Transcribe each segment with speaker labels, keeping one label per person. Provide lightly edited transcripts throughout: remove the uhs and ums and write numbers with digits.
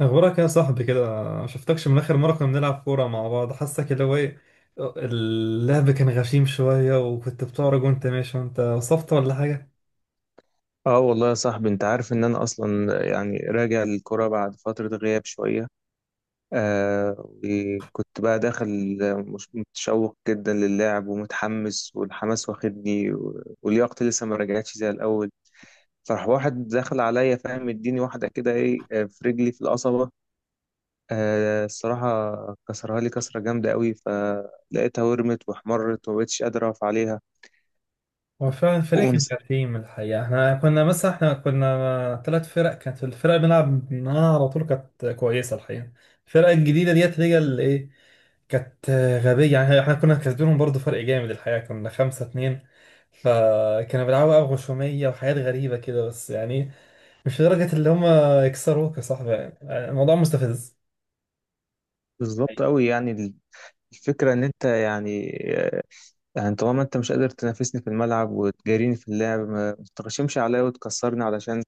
Speaker 1: اخبارك يا صاحبي كده؟ ما شفتكش من اخر مره كنا بنلعب كوره مع بعض. حاسك اللي هو ايه، اللعب كان غشيم شويه، وكنت بتعرج وانت ماشي. وانت وصفت ولا حاجه؟
Speaker 2: اه والله يا صاحبي، انت عارف ان انا اصلا يعني راجع للكرة بعد فترة غياب شوية. وكنت بقى داخل مش متشوق جدا للعب ومتحمس، والحماس واخدني ولياقتي لسه ما رجعتش زي الاول. فراح واحد دخل عليا، فاهم، اديني واحدة كده، ايه في رجلي في القصبة. الصراحة كسرها لي كسرة جامدة قوي، فلقيتها ورمت واحمرت ومبقتش قادر اقف عليها.
Speaker 1: هو فعلا الفريق كان
Speaker 2: ونس-
Speaker 1: غشيم الحقيقه. احنا كنا مثلا احنا كنا ثلاث فرق. كانت الفرق بنلعب معاها على طول كانت كويسه الحقيقه. الفرق الجديده ديت هي اللي ايه، كانت غبية. يعني احنا كنا كسبانهم برضه، فرق جامد الحقيقة، كنا خمسة اتنين. فكانوا بيلعبوا بقى غشومية وحاجات غريبة كده، بس يعني مش لدرجة اللي هم يكسروك يا صاحبي. يعني الموضوع مستفز.
Speaker 2: بالظبط
Speaker 1: أيوة.
Speaker 2: قوي يعني. الفكرة ان انت يعني طالما انت مش قادر تنافسني في الملعب وتجاريني في اللعب، ما تتغشمش عليا وتكسرني علشان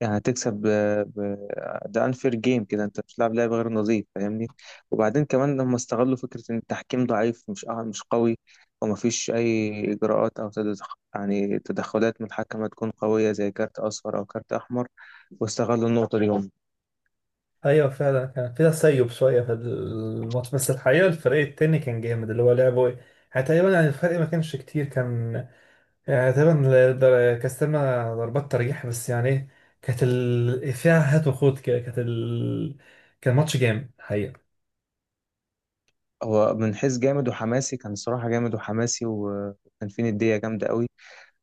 Speaker 2: يعني هتكسب ب... ده انفير جيم كده. انت بتلعب لعب غير نظيف، فاهمني؟ وبعدين كمان لما استغلوا فكرة ان التحكيم ضعيف، مش قوي، ومفيش اي اجراءات او يعني تدخلات من الحكم تكون قوية زي كارت اصفر او كارت احمر، واستغلوا النقطة دي هم.
Speaker 1: ايوه فعلا كان في تسيب شويه في الماتش، بس الحقيقه الفريق التاني كان جامد اللي هو لعبه ايه. يعني تقريبا، يعني الفرق ما كانش كتير، كان يعني تقريبا كاستلنا ضربات ترجيح. بس يعني ايه، فيها هات وخوت كده. كان ماتش جامد الحقيقه.
Speaker 2: هو من حيث جامد وحماسي كان الصراحة جامد وحماسي، وكان فيه ندية جامدة قوي.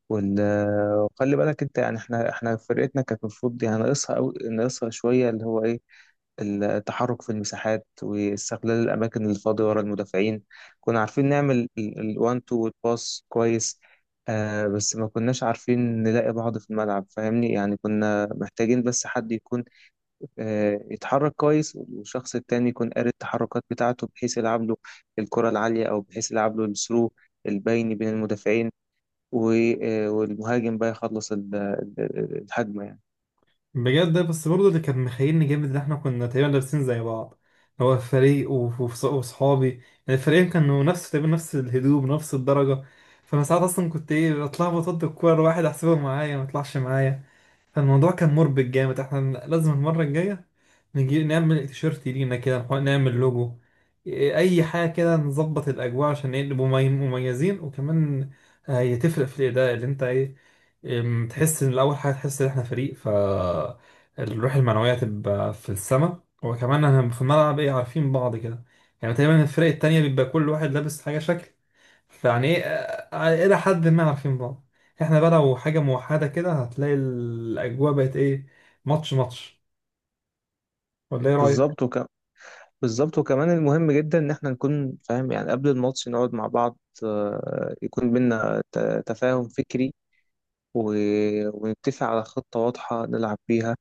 Speaker 2: وال- وخلي بالك انت يعني، احنا فرقتنا كانت المفروض يعني ناقصها او ناقصها شويه، اللي هو ايه، التحرك في المساحات واستغلال الاماكن الفاضيه ورا المدافعين. كنا عارفين نعمل الوان تو والباس كويس. آه بس ما كناش عارفين نلاقي بعض في الملعب، فاهمني؟ يعني كنا محتاجين بس حد يكون يتحرك كويس، والشخص التاني يكون قاري التحركات بتاعته، بحيث يلعب له الكره العاليه، او بحيث يلعب له الثرو البيني بين المدافعين، و- والمهاجم بقى يخلص الهجمة يعني.
Speaker 1: بجد. بس برضه اللي كان مخيلني جامد ان احنا كنا تقريبا لابسين زي بعض. هو فريق وصحابي يعني، الفريقين كانوا نفس تقريبا، نفس الهدوم نفس الدرجة. فانا ساعات اصلا كنت ايه، اطلع بطد الكورة واحد احسبه معايا ما يطلعش معايا. فالموضوع كان مربك جامد. احنا لازم المرة الجاية نجي نعمل تيشيرت لينا كده، نعمل لوجو، اي حاجة كده، نظبط الاجواء عشان نبقوا مميزين. وكمان هي تفرق في الاداء اللي انت ايه، تحس ان الاول حاجه، تحس ان احنا فريق. ف الروح المعنويه تبقى في السما، وكمان احنا في الملعب ايه، عارفين بعض كده. يعني تقريبا الفرق التانية بيبقى كل واحد لابس حاجه شكل، فيعني ايه الى حد ما عارفين بعض. احنا بقى لو حاجه موحده كده هتلاقي الاجواء بقت ايه، ماتش ماتش. ولا ايه رايك؟
Speaker 2: بالظبط وك... بالظبط، وكمان المهم جدا ان احنا نكون فاهم، يعني قبل الماتش نقعد مع بعض، يكون بينا تفاهم فكري، و... ونتفق على خطة واضحة نلعب بيها،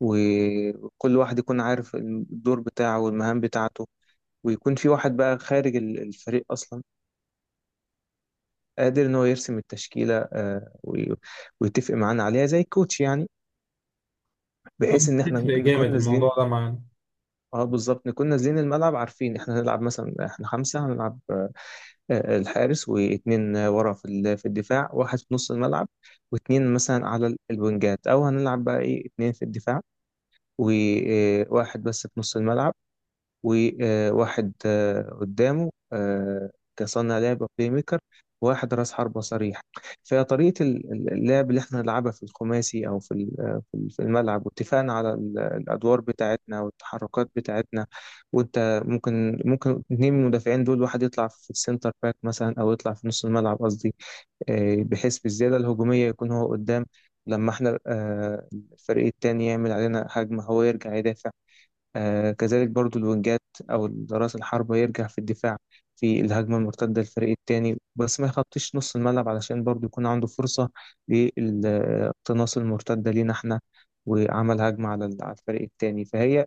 Speaker 2: وكل واحد يكون عارف الدور بتاعه والمهام بتاعته. ويكون في واحد بقى خارج الفريق اصلا قادر ان هو يرسم التشكيلة، ويتفق معانا عليها زي الكوتش يعني، بحيث
Speaker 1: أنا
Speaker 2: ان احنا
Speaker 1: بتفرق
Speaker 2: نكون
Speaker 1: جامد
Speaker 2: نازلين.
Speaker 1: الموضوع ده معانا.
Speaker 2: اه بالظبط، نكون نازلين الملعب عارفين احنا هنلعب، مثلا احنا خمسة هنلعب، الحارس واتنين ورا في في الدفاع، واحد في نص الملعب، واتنين مثلا على الوينجات، او هنلعب بقى ايه اتنين في الدفاع وواحد بس في نص الملعب، وواحد قدامه كصانع لعبة بلاي ميكر، وواحد راس حربة صريح. فطريقة اللعب اللي احنا نلعبها في الخماسي أو في في الملعب، واتفقنا على الأدوار بتاعتنا والتحركات بتاعتنا. وأنت ممكن، اتنين من المدافعين دول، واحد يطلع في السنتر باك مثلا أو يطلع في نص الملعب قصدي، بحيث في الزيادة الهجومية يكون هو قدام. لما احنا الفريق التاني يعمل علينا هجمة، هو يرجع يدافع. آه كذلك برضو الوينجات أو رأس الحرب يرجع في الدفاع في الهجمة المرتدة للفريق التاني، بس ما يخطيش نص الملعب علشان برضو يكون عنده فرصة للاقتناص المرتدة لينا احنا وعمل هجمة على على الفريق التاني. فهي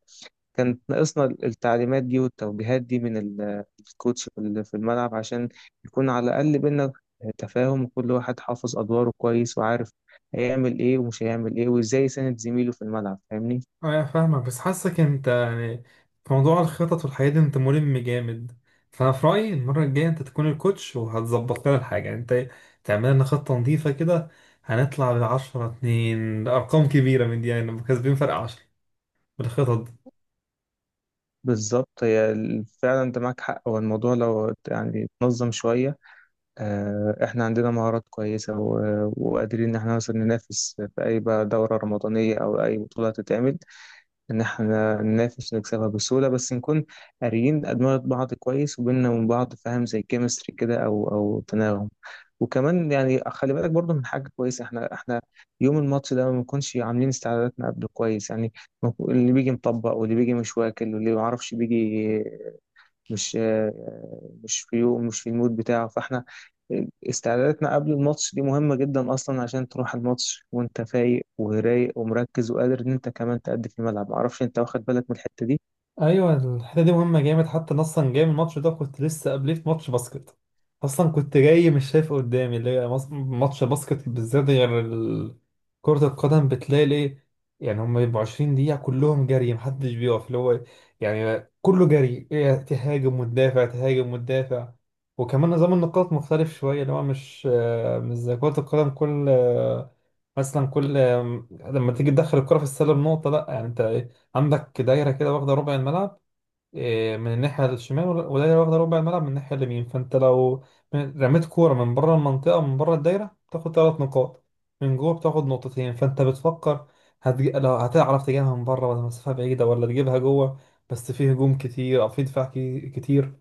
Speaker 2: كانت ناقصنا التعليمات دي والتوجيهات دي من الكوتش في في الملعب، عشان يكون على الأقل بينا تفاهم، وكل واحد حافظ أدواره كويس وعارف هيعمل إيه ومش هيعمل إيه وإزاي يساند زميله في الملعب، فاهمني؟
Speaker 1: اه يعني فاهمك، بس حاسك انت يعني في موضوع الخطط والحاجات دي انت ملم جامد. فانا في رايي المره الجايه انت تكون الكوتش، وهتظبط لنا الحاجه. يعني انت تعمل لنا خطه نظيفه كده. هنطلع ب 10-2 ارقام كبيره من دي، يعني نبقى كسبين فرق 10 بالخطط.
Speaker 2: بالظبط، فعلا انت معاك حق، هو الموضوع لو يعني اتنظم شوية، احنا عندنا مهارات كويسة وقادرين ان احنا مثلا ننافس في اي بقى دورة رمضانية او اي بطولة تتعمل. إن إحنا ننافس ونكسبها بسهولة، بس نكون قاريين أدمغة بعض كويس، وبيننا وبين بعض فاهم، زي كيمستري كده أو تناغم. وكمان يعني خلي بالك برضه من حاجة كويسة، إحنا يوم الماتش ده ما بنكونش عاملين استعداداتنا قبله كويس، يعني اللي بيجي مطبق، واللي بيجي مش واكل، واللي ما يعرفش بيجي مش مش في يوم، مش في المود بتاعه. فاحنا استعداداتنا قبل الماتش دي مهمة جدا أصلا، عشان تروح الماتش وأنت فايق ورايق ومركز وقادر إن أنت كمان تأدي في الملعب. معرفش أنت واخد بالك من الحتة دي؟
Speaker 1: ايوه الحته دي مهمه جامد. حتى أنا اصلا جاي من الماتش ده، كنت لسه قبليه في ماتش باسكت. اصلا كنت جاي مش شايف قدامي، اللي هي ماتش باسكت بالذات غير ال- كره القدم بتلاقي الايه، يعني هم بيبقوا 20 دقيقه كلهم جري محدش بيقف اللي هو، يعني كله جري تهاجم وتدافع، تهاجم وتدافع. وكمان نظام النقاط مختلف شويه اللي هو مش زي كره القدم. كل مثلا كل لما تيجي تدخل الكره في السله بنقطه، لا يعني انت عندك دايرة كده واخدة ربع الملعب من الناحية الشمال، ودايرة، ودايرة واخدة ربع الملعب من الناحية اليمين. فأنت لو رميت كورة من بره المنطقة، من بره الدايرة، بتاخد ثلاث نقاط. من جوه بتاخد نقطتين. فأنت بتفكر لو هتعرف تجيبها من بره ولا مسافة بعيدة ولا تجيبها جوه. بس فيه هجوم كتير أو فيه دفاع كتير.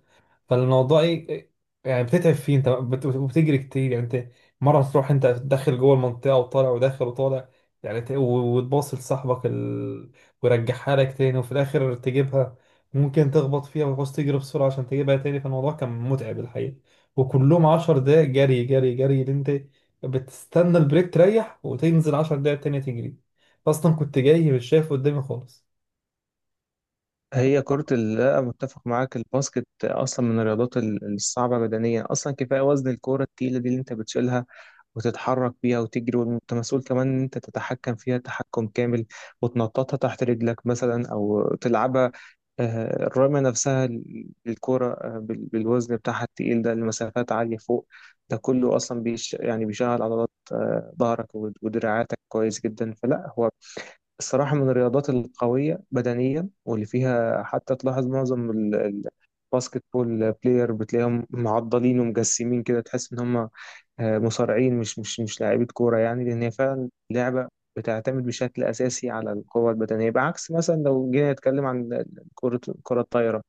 Speaker 1: فالموضوع ايه، يعني بتتعب فيه، انت وبتجري كتير. يعني انت مره تروح انت داخل جوه المنطقه وطالع وداخل وطالع، يعني وتباصي لصاحبك ويرجعها لك تاني. وفي الاخر تجيبها، ممكن تخبط فيها وتعوز تجري بسرعه عشان تجيبها تاني. فالموضوع كان متعب الحقيقه، وكلهم 10 دقايق جري جري جري، اللي انت بتستنى البريك تريح وتنزل 10 دقايق تانية تجري. اصلا كنت جاي مش شايف قدامي خالص.
Speaker 2: لا متفق معاك، الباسكت أصلا من الرياضات الصعبة بدنيا. أصلا كفاية وزن الكورة التقيلة دي اللي أنت بتشيلها وتتحرك بيها وتجري، وأنت مسؤول كمان إن أنت تتحكم فيها تحكم كامل وتنططها تحت رجلك مثلا أو تلعبها. الرمية نفسها الكرة بالوزن بتاعها التقيل ده لمسافات عالية فوق، ده كله أصلا يعني بيشغل عضلات ظهرك ودراعاتك كويس جدا. فلا هو الصراحة من الرياضات القوية بدنيا، واللي فيها حتى تلاحظ معظم الباسكت بول بلاير بتلاقيهم معضلين ومجسمين كده، تحس إن هم مصارعين مش لاعيبة كورة يعني. لأن هي فعلا لعبة بتعتمد بشكل أساسي على القوة البدنية، بعكس مثلا لو جينا نتكلم عن كرة الطايرة.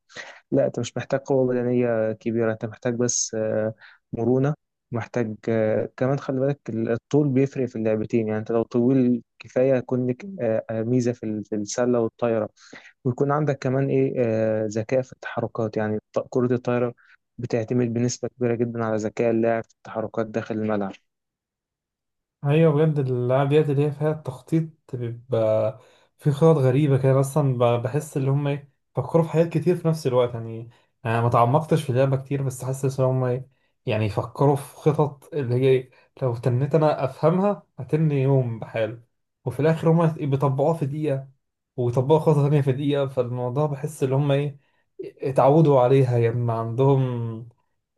Speaker 2: لا انت مش محتاج قوة بدنية كبيرة، انت محتاج بس مرونة. محتاج كمان خلي بالك الطول بيفرق في اللعبتين. يعني انت لو طويل كفاية يكون لك ميزة في في السلة والطايرة، ويكون عندك كمان ايه ذكاء في التحركات. يعني كرة الطايرة بتعتمد بنسبة كبيرة جدا على ذكاء اللاعب في التحركات داخل الملعب.
Speaker 1: ايوه بجد، الالعاب ديت اللي هي فيها التخطيط بيبقى في خطط غريبه كده اصلا بحس اللي هم ايه، فكروا في حاجات كتير في نفس الوقت. يعني انا ما تعمقتش في اللعبه كتير، بس حاسس ان هم ايه، يعني يفكروا في خطط اللي هي لو تنيت انا افهمها هتني يوم بحاله، وفي الاخر هم بيطبقوها في دقيقه ويطبقوا خطه تانيه في دقيقه. فالموضوع بحس ان هم ايه، اتعودوا عليها. يعني ما عندهم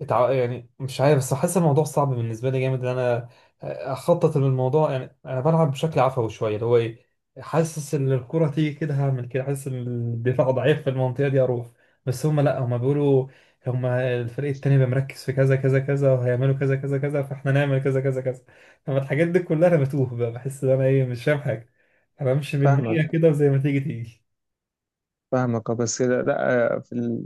Speaker 1: يعني مش عارف، بس حاسس الموضوع صعب بالنسبه لي جامد، ان انا اخطط للموضوع. يعني انا بلعب بشكل عفوي شويه اللي هو ايه، حاسس ان الكره تيجي كده هعمل كده، حاسس ان الدفاع ضعيف في المنطقه دي اروح. بس هم لا، هم بيقولوا هم الفريق التاني بيبقى مركز في كذا كذا كذا، وهيعملوا كذا كذا كذا، فاحنا نعمل كذا كذا كذا. طب الحاجات دي كلها انا بتوه بقى، بحس ان انا ايه، مش فاهم حاجه. انا امشي بالمية
Speaker 2: فاهمك،
Speaker 1: كده وزي ما تيجي تيجي.
Speaker 2: فاهمك. بس كده لا،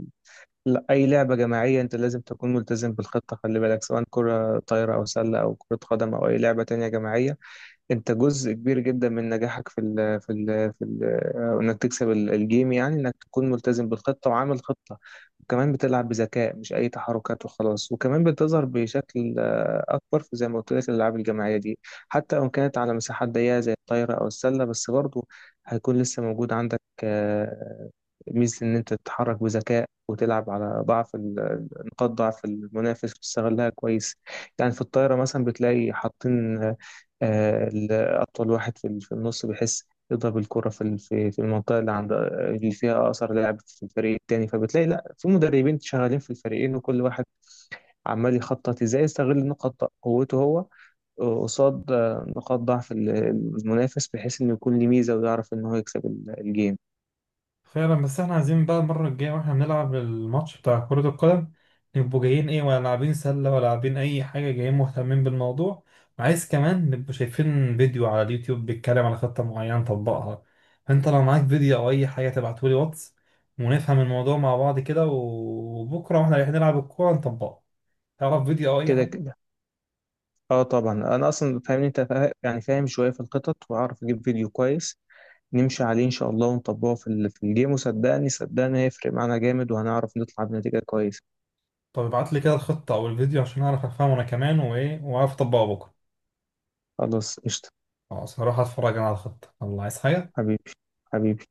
Speaker 2: لا، أي لعبة جماعية أنت لازم تكون ملتزم بالخطة. خلي بالك سواء كرة طايرة أو سلة أو كرة قدم أو أي لعبة تانية جماعية، انت جزء كبير جدا من نجاحك في ال في ال في ال انك تكسب الجيم، يعني انك تكون ملتزم بالخطة وعامل خطة وكمان بتلعب بذكاء، مش اي تحركات وخلاص. وكمان بتظهر بشكل اكبر في زي ما قلت لك الالعاب الجماعية دي، حتى لو كانت على مساحات ضيقة زي الطايرة او السلة، بس برضو هيكون لسه موجود عندك ميزة ان انت تتحرك بذكاء وتلعب على نقاط ضعف المنافس وتستغلها كويس. يعني في الطايرة مثلا بتلاقي حاطين أطول واحد في في النص، بيحس يضرب الكرة في في المنطقة اللي عند اللي فيها أقصر لاعب في الفريق التاني. فبتلاقي لا، في مدربين شغالين في الفريقين، وكل واحد عمال يخطط ازاي يستغل نقاط قوته هو قصاد نقاط ضعف المنافس، بحيث إنه يكون ليه ميزة ويعرف إن هو يكسب الجيم.
Speaker 1: فعلا، بس احنا عايزين بقى المرة الجاية واحنا بنلعب الماتش بتاع كرة القدم نبقوا جايين ايه، ولا لاعبين سلة ولا لاعبين أي حاجة، جايين مهتمين بالموضوع. وعايز كمان نبقوا شايفين فيديو على اليوتيوب بيتكلم على خطة معينة طبقها. فأنت لو معاك فيديو أو أي حاجة تبعتولي واتس، ونفهم الموضوع مع بعض كده، وبكرة واحنا رايحين نلعب الكورة نطبقها. تعرف فيديو أو أي
Speaker 2: كده
Speaker 1: حاجة؟
Speaker 2: كده. اه طبعا، انا اصلا فاهمني، انت يعني فاهم شويه في الخطط، واعرف اجيب فيديو كويس نمشي عليه إن شاء الله، ونطبقه في في الجيم، وصدقني، هيفرق معانا جامد وهنعرف نطلع بنتيجة كويسة.
Speaker 1: طب ابعت لي كده الخطة أو الفيديو عشان أعرف أفهمه أنا كمان وإيه، وأعرف أطبقه بكرة.
Speaker 2: خلاص قشطة.
Speaker 1: خلاص هروح أتفرج أنا على الخطة. الله، عايز حاجة؟
Speaker 2: حبيبي، حبيبي.